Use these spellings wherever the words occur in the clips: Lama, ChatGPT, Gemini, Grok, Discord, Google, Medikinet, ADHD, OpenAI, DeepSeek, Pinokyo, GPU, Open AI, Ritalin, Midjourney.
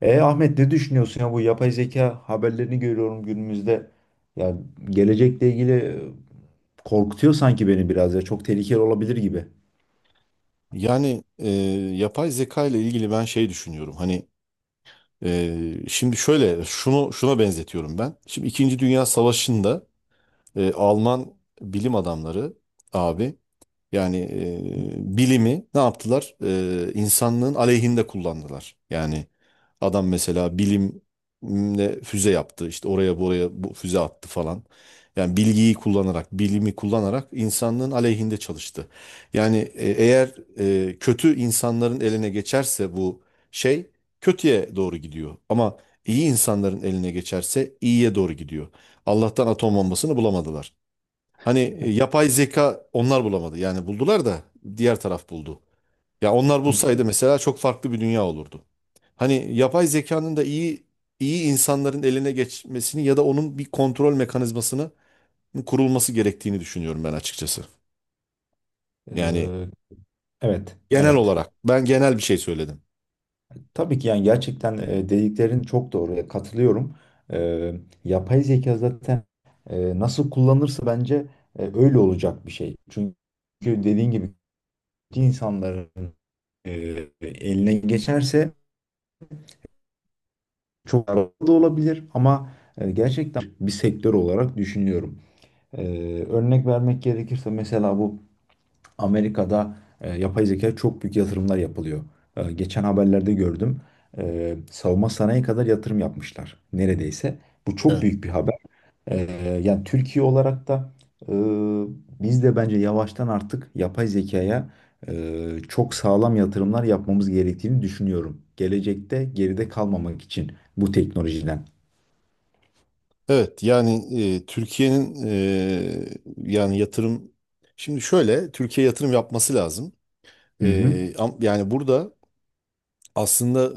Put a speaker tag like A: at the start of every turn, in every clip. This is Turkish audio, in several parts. A: Ahmet, ne düşünüyorsun ya, bu yapay zeka haberlerini görüyorum günümüzde. Ya, gelecekle ilgili korkutuyor sanki beni biraz, ya çok tehlikeli olabilir gibi.
B: Yani yapay zeka ile ilgili ben şey düşünüyorum. Şimdi şöyle şunu şuna benzetiyorum ben. Şimdi İkinci Dünya Savaşı'nda Alman bilim adamları abi yani bilimi ne yaptılar? İnsanlığın aleyhinde kullandılar. Yani adam mesela bilimle füze yaptı. İşte oraya buraya bu füze attı falan. Yani bilgiyi kullanarak, bilimi kullanarak insanlığın aleyhinde çalıştı. Yani eğer kötü insanların eline geçerse bu şey kötüye doğru gidiyor. Ama iyi insanların eline geçerse iyiye doğru gidiyor. Allah'tan atom bombasını bulamadılar. Hani yapay zeka onlar bulamadı. Yani buldular da diğer taraf buldu. Ya onlar
A: Hı.
B: bulsaydı mesela çok farklı bir dünya olurdu. Hani yapay zekanın da iyi insanların eline geçmesini ya da onun bir kontrol mekanizmasının kurulması gerektiğini düşünüyorum ben açıkçası. Yani
A: Ee, evet,
B: genel
A: evet.
B: olarak ben genel bir şey söyledim.
A: Tabii ki, yani gerçekten dediklerin çok doğru. Ya, katılıyorum. Ee, yapay zeka zaten nasıl kullanırsa bence öyle olacak bir şey. Çünkü dediğin gibi insanların e, eline geçerse çok da olabilir ama gerçekten bir sektör olarak düşünüyorum. E, örnek vermek gerekirse mesela bu Amerika'da yapay zeka çok büyük yatırımlar yapılıyor. Geçen haberlerde gördüm. Savunma sanayi kadar yatırım yapmışlar neredeyse. Bu çok
B: Evet.
A: büyük bir haber. E, yani Türkiye olarak da e, biz de bence yavaştan artık yapay zekaya çok sağlam yatırımlar yapmamız gerektiğini düşünüyorum. Gelecekte geride kalmamak için bu teknolojiden.
B: Evet yani Türkiye'nin yani yatırım şimdi şöyle Türkiye yatırım yapması lazım. E,
A: Hı hı.
B: yani burada aslında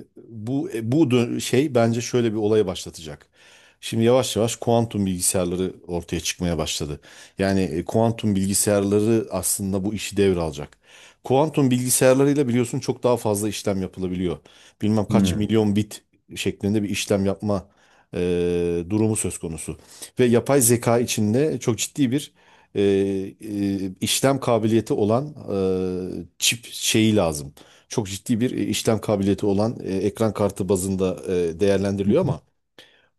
B: bu şey bence şöyle bir olaya başlatacak. Şimdi yavaş yavaş kuantum bilgisayarları ortaya çıkmaya başladı. Yani kuantum bilgisayarları aslında bu işi devralacak. Kuantum bilgisayarlarıyla biliyorsun çok daha fazla işlem yapılabiliyor. Bilmem kaç
A: Hı.
B: milyon bit şeklinde bir işlem yapma durumu söz konusu. Ve yapay zeka içinde çok ciddi bir işlem kabiliyeti olan çip şeyi lazım, çok ciddi bir işlem kabiliyeti olan ekran kartı bazında değerlendiriliyor ama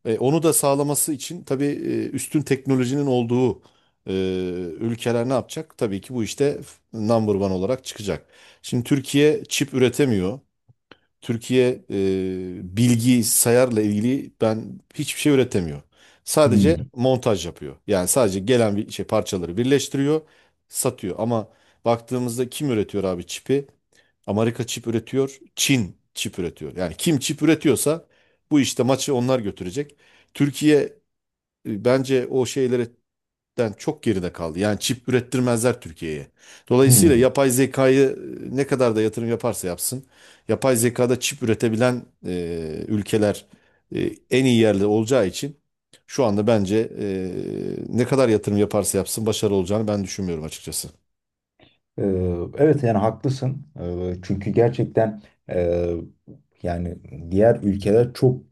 B: onu da sağlaması için tabii üstün teknolojinin olduğu e, ülkeler ne yapacak? Tabii ki bu işte number one olarak çıkacak. Şimdi Türkiye çip üretemiyor. Türkiye bilgi sayarla ilgili ben hiçbir şey üretemiyor. Sadece
A: Hmm.
B: montaj yapıyor. Yani sadece gelen bir şey parçaları birleştiriyor, satıyor. Ama baktığımızda kim üretiyor abi çipi? Amerika çip üretiyor, Çin çip üretiyor. Yani kim çip üretiyorsa bu işte maçı onlar götürecek. Türkiye bence o şeylerden çok geride kaldı. Yani çip ürettirmezler Türkiye'ye. Dolayısıyla
A: Hmm.
B: yapay zekayı ne kadar da yatırım yaparsa yapsın, yapay zekada çip üretebilen ülkeler en iyi yerde olacağı için şu anda bence ne kadar yatırım yaparsa yapsın başarılı olacağını ben düşünmüyorum açıkçası.
A: Ee, evet yani haklısın. Çünkü gerçekten e, Yani diğer ülkeler çok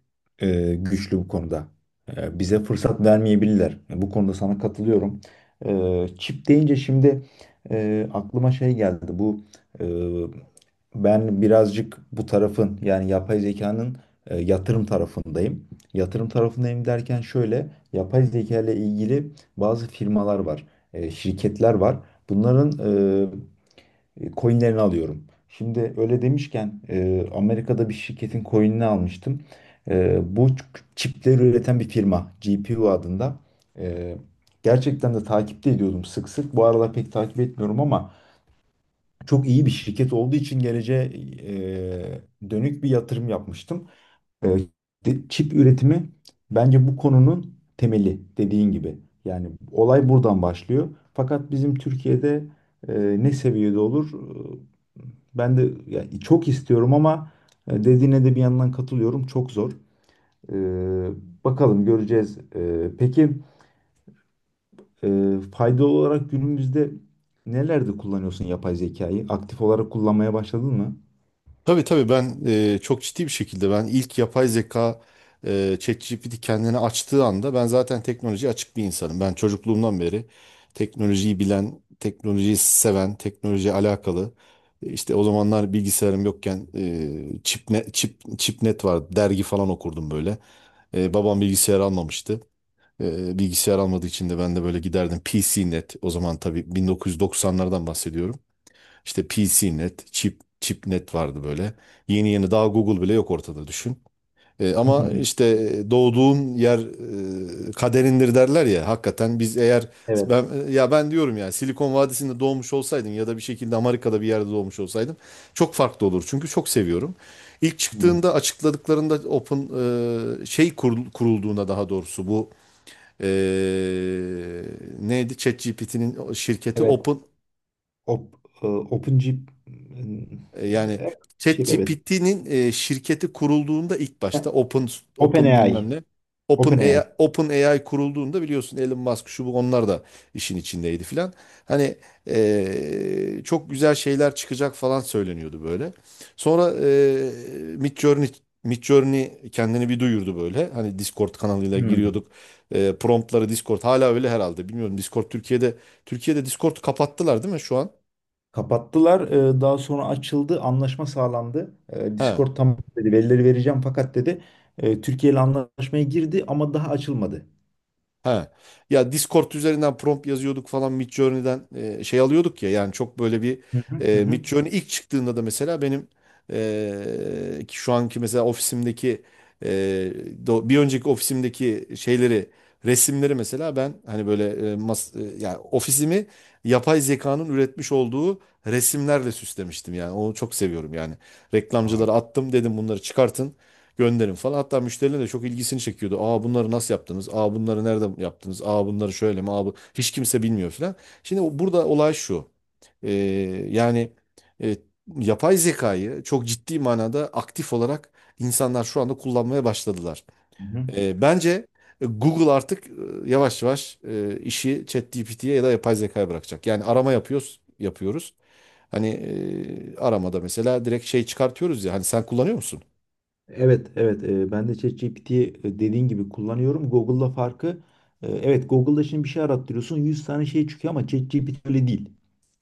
A: güçlü bu konuda. Bize fırsat vermeyebilirler. Bu konuda sana katılıyorum. Çip deyince şimdi aklıma şey geldi. E, ben birazcık bu tarafın, yani yapay zekanın yatırım tarafındayım. Yatırım tarafındayım derken şöyle, yapay zeka ile ilgili bazı firmalar var, şirketler var. Bunların e, coinlerini alıyorum. Şimdi öyle demişken Amerika'da bir şirketin coinini almıştım. Bu çipleri üreten bir firma GPU adında. E, gerçekten de takipte ediyordum sık sık. Bu aralar pek takip etmiyorum ama çok iyi bir şirket olduğu için geleceğe dönük bir yatırım yapmıştım. Ee, Çip üretimi bence bu konunun temeli, dediğin gibi. Yani olay buradan başlıyor. Fakat bizim Türkiye'de e, ne seviyede olur? Ee, ben de yani çok istiyorum ama dediğine de bir yandan katılıyorum. Çok zor. Ee, bakalım, göreceğiz. Peki faydalı olarak günümüzde nelerde kullanıyorsun yapay zekayı? Aktif olarak kullanmaya başladın mı?
B: Tabii tabii, ben çok ciddi bir şekilde ben ilk yapay zeka ChatGPT kendini açtığı anda, ben zaten teknolojiye açık bir insanım. Ben çocukluğumdan beri teknolojiyi bilen, teknolojiyi seven, teknolojiye alakalı. İşte o zamanlar bilgisayarım yokken Çipne, Çip, Çipnet vardı. Dergi falan okurdum böyle. Babam bilgisayar almamıştı. Bilgisayar almadığı için de ben de böyle giderdim PCnet, o zaman tabii 1990'lardan bahsediyorum. İşte P C net, Chip, ChipNet vardı böyle. Yeni yeni, daha Google bile yok ortada, düşün. Ama işte doğduğun yer kaderindir derler ya. Hakikaten biz eğer
A: Evet.
B: ben ya ben diyorum ya Silikon Vadisi'nde doğmuş olsaydım ya da bir şekilde Amerika'da bir yerde doğmuş olsaydım çok farklı olur. Çünkü çok seviyorum. İlk
A: Hmm.
B: çıktığında, açıkladıklarında Open şey kurulduğunda, daha doğrusu, bu e, neydi? ChatGPT'nin şirketi
A: Evet.
B: Open.
A: Op, OpenG
B: Yani
A: bir şey de, evet.
B: ChatGPT'nin şirketi kurulduğunda ilk başta Open, Open
A: OpenAI.
B: bilmem ne, Open AI,
A: OpenAI.
B: Open AI kurulduğunda, biliyorsun Elon Musk şu bu onlar da işin içindeydi filan. Hani çok güzel şeyler çıkacak falan söyleniyordu böyle. Sonra Midjourney Midjourney kendini bir duyurdu böyle. Hani Discord kanalıyla
A: Hmm.
B: giriyorduk. Promptları Discord hala öyle herhalde. Bilmiyorum, Discord Türkiye'de Türkiye'de Discord kapattılar değil mi şu an?
A: Kapattılar. Daha sonra açıldı. Anlaşma sağlandı.
B: He.
A: Discord tamam dedi. Verileri vereceğim, fakat dedi, Türkiye ile anlaşmaya girdi ama daha açılmadı.
B: Ha. Ya Discord üzerinden prompt yazıyorduk falan, Midjourney'den şey alıyorduk ya, yani çok böyle bir
A: Hı hı hı. Hı.
B: Midjourney ilk çıktığında da mesela benim ki şu anki mesela ofisimdeki e, bir önceki ofisimdeki şeyleri, resimleri mesela ben hani böyle yani ofisimi yapay zekanın üretmiş olduğu resimlerle süslemiştim, yani onu çok seviyorum yani.
A: Vay.
B: Reklamcılara attım, dedim bunları çıkartın gönderin falan. Hatta müşteriler de çok ilgisini çekiyordu. Aa, bunları nasıl yaptınız? Aa, bunları nerede yaptınız? Aa, bunları şöyle mi? Aa, bu... Hiç kimse bilmiyor falan. Şimdi burada olay şu. Ee, Yani e, yapay zekayı çok ciddi manada aktif olarak insanlar şu anda kullanmaya başladılar.
A: Hı hı.
B: Bence Google artık yavaş yavaş işi ChatGPT'ye ya da yapay zekaya bırakacak. Yani arama yapıyoruz, yapıyoruz. Hani aramada mesela direkt şey çıkartıyoruz ya. Hani sen kullanıyor musun?
A: Evet, evet. Ben de ChatGPT'yi, dediğin gibi kullanıyorum. Google'la farkı, evet, Google'da şimdi bir şey arattırıyorsun, 100 tane şey çıkıyor ama ChatGPT öyle değil.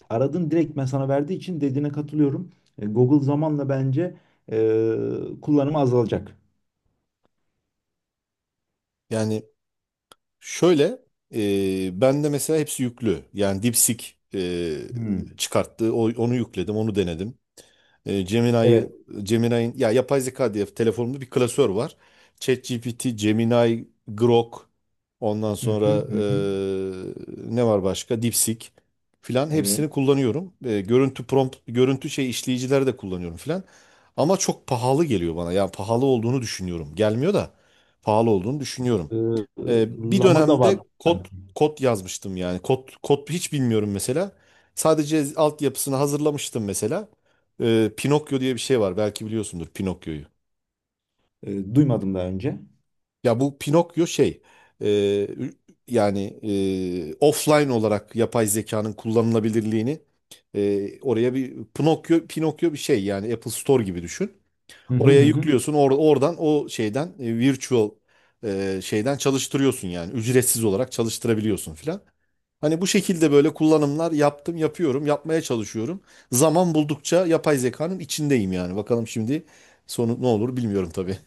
A: Aradın, direkt ben sana verdiği için dediğine katılıyorum. Google zamanla bence e, kullanımı azalacak.
B: Yani şöyle, ben de mesela hepsi yüklü. Yani DeepSeek
A: Hmm.
B: çıkarttı. O, onu yükledim, onu denedim. Gemini'yi,
A: Evet.
B: Gemini'nin, ya yapay zeka diye telefonumda bir klasör var. ChatGPT, Gemini, Grok, ondan
A: Hı hı
B: sonra
A: hı. Hı.
B: ne var başka? DeepSeek filan,
A: Evet.
B: hepsini kullanıyorum. Görüntü prompt, görüntü şey işleyicileri de kullanıyorum filan. Ama çok pahalı geliyor bana. Yani pahalı olduğunu düşünüyorum. Gelmiyor da pahalı olduğunu düşünüyorum.
A: E,
B: Bir
A: Lama da var
B: dönemde kod
A: sanki.
B: kod yazmıştım yani. Kod hiç bilmiyorum mesela. Sadece altyapısını hazırlamıştım mesela. Pinokyo diye bir şey var. Belki biliyorsundur Pinokyo'yu.
A: Duymadım daha önce.
B: Ya bu Pinokyo şey, e, yani offline olarak yapay zekanın kullanılabilirliğini oraya bir Pinokyo bir şey, yani Apple Store gibi düşün.
A: Hı hı
B: Oraya
A: hı. Hı.
B: yüklüyorsun, oradan o şeyden virtual şeyden çalıştırıyorsun, yani ücretsiz olarak çalıştırabiliyorsun filan. Hani bu şekilde böyle kullanımlar yaptım, yapıyorum, yapmaya çalışıyorum. Zaman buldukça yapay zekanın içindeyim yani. Bakalım şimdi sonu ne olur, bilmiyorum tabii.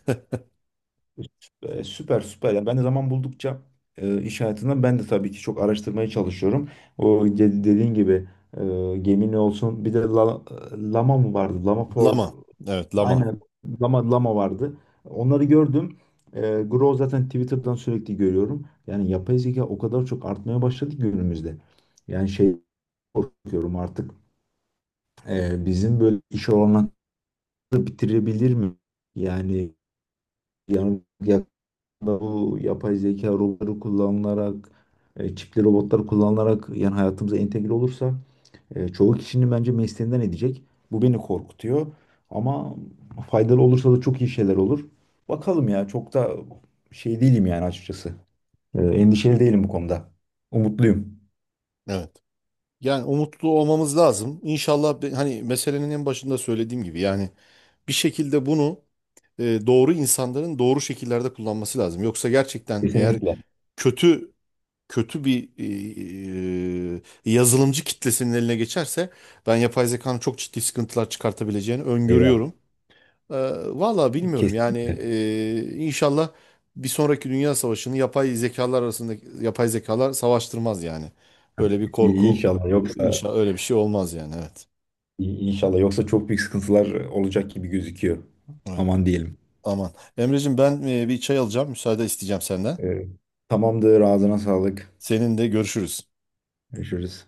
A: Süper süper. Yani ben de zaman buldukça iş hayatında ben de tabii ki çok araştırmaya çalışıyorum. Dediğin gibi e, Gemini olsun. Bir de Lama mı vardı? Lama for
B: Lama. Evet, lama.
A: aynen, Lama, Lama vardı. Onları gördüm. Grow zaten Twitter'dan sürekli görüyorum. Yani yapay zeka o kadar çok artmaya başladı ki günümüzde. Yani şey korkuyorum artık, bizim böyle iş olanları bitirebilir mi? Yani yani yakında bu yapay zeka robotları kullanılarak, çipli robotlar kullanılarak yani hayatımıza entegre olursa çoğu kişinin bence mesleğinden edecek. Bu beni korkutuyor. Ama faydalı olursa da çok iyi şeyler olur. Bakalım ya, çok da şey değilim yani, açıkçası. Endişeli değilim bu konuda. Umutluyum.
B: Evet. Yani umutlu olmamız lazım. İnşallah, hani meselenin en başında söylediğim gibi, yani bir şekilde bunu doğru insanların doğru şekillerde kullanması lazım. Yoksa gerçekten, eğer
A: Kesinlikle.
B: kötü, kötü bir yazılımcı kitlesinin eline geçerse, ben yapay zekanın çok ciddi sıkıntılar çıkartabileceğini
A: Eyvah.
B: öngörüyorum. Ee, Valla bilmiyorum yani,
A: Kesinlikle.
B: inşallah bir sonraki dünya savaşını yapay zekalar arasında yapay zekalar savaştırmaz yani. Böyle bir
A: İyi,
B: korku,
A: İnşallah yoksa
B: inşallah öyle bir şey olmaz yani, evet.
A: iyi, inşallah yoksa çok büyük sıkıntılar olacak gibi gözüküyor.
B: Evet.
A: Aman diyelim.
B: Aman. Emreciğim, ben bir çay alacağım, müsaade isteyeceğim senden.
A: E, tamamdır. Ağzına sağlık.
B: Seninle görüşürüz.
A: Görüşürüz.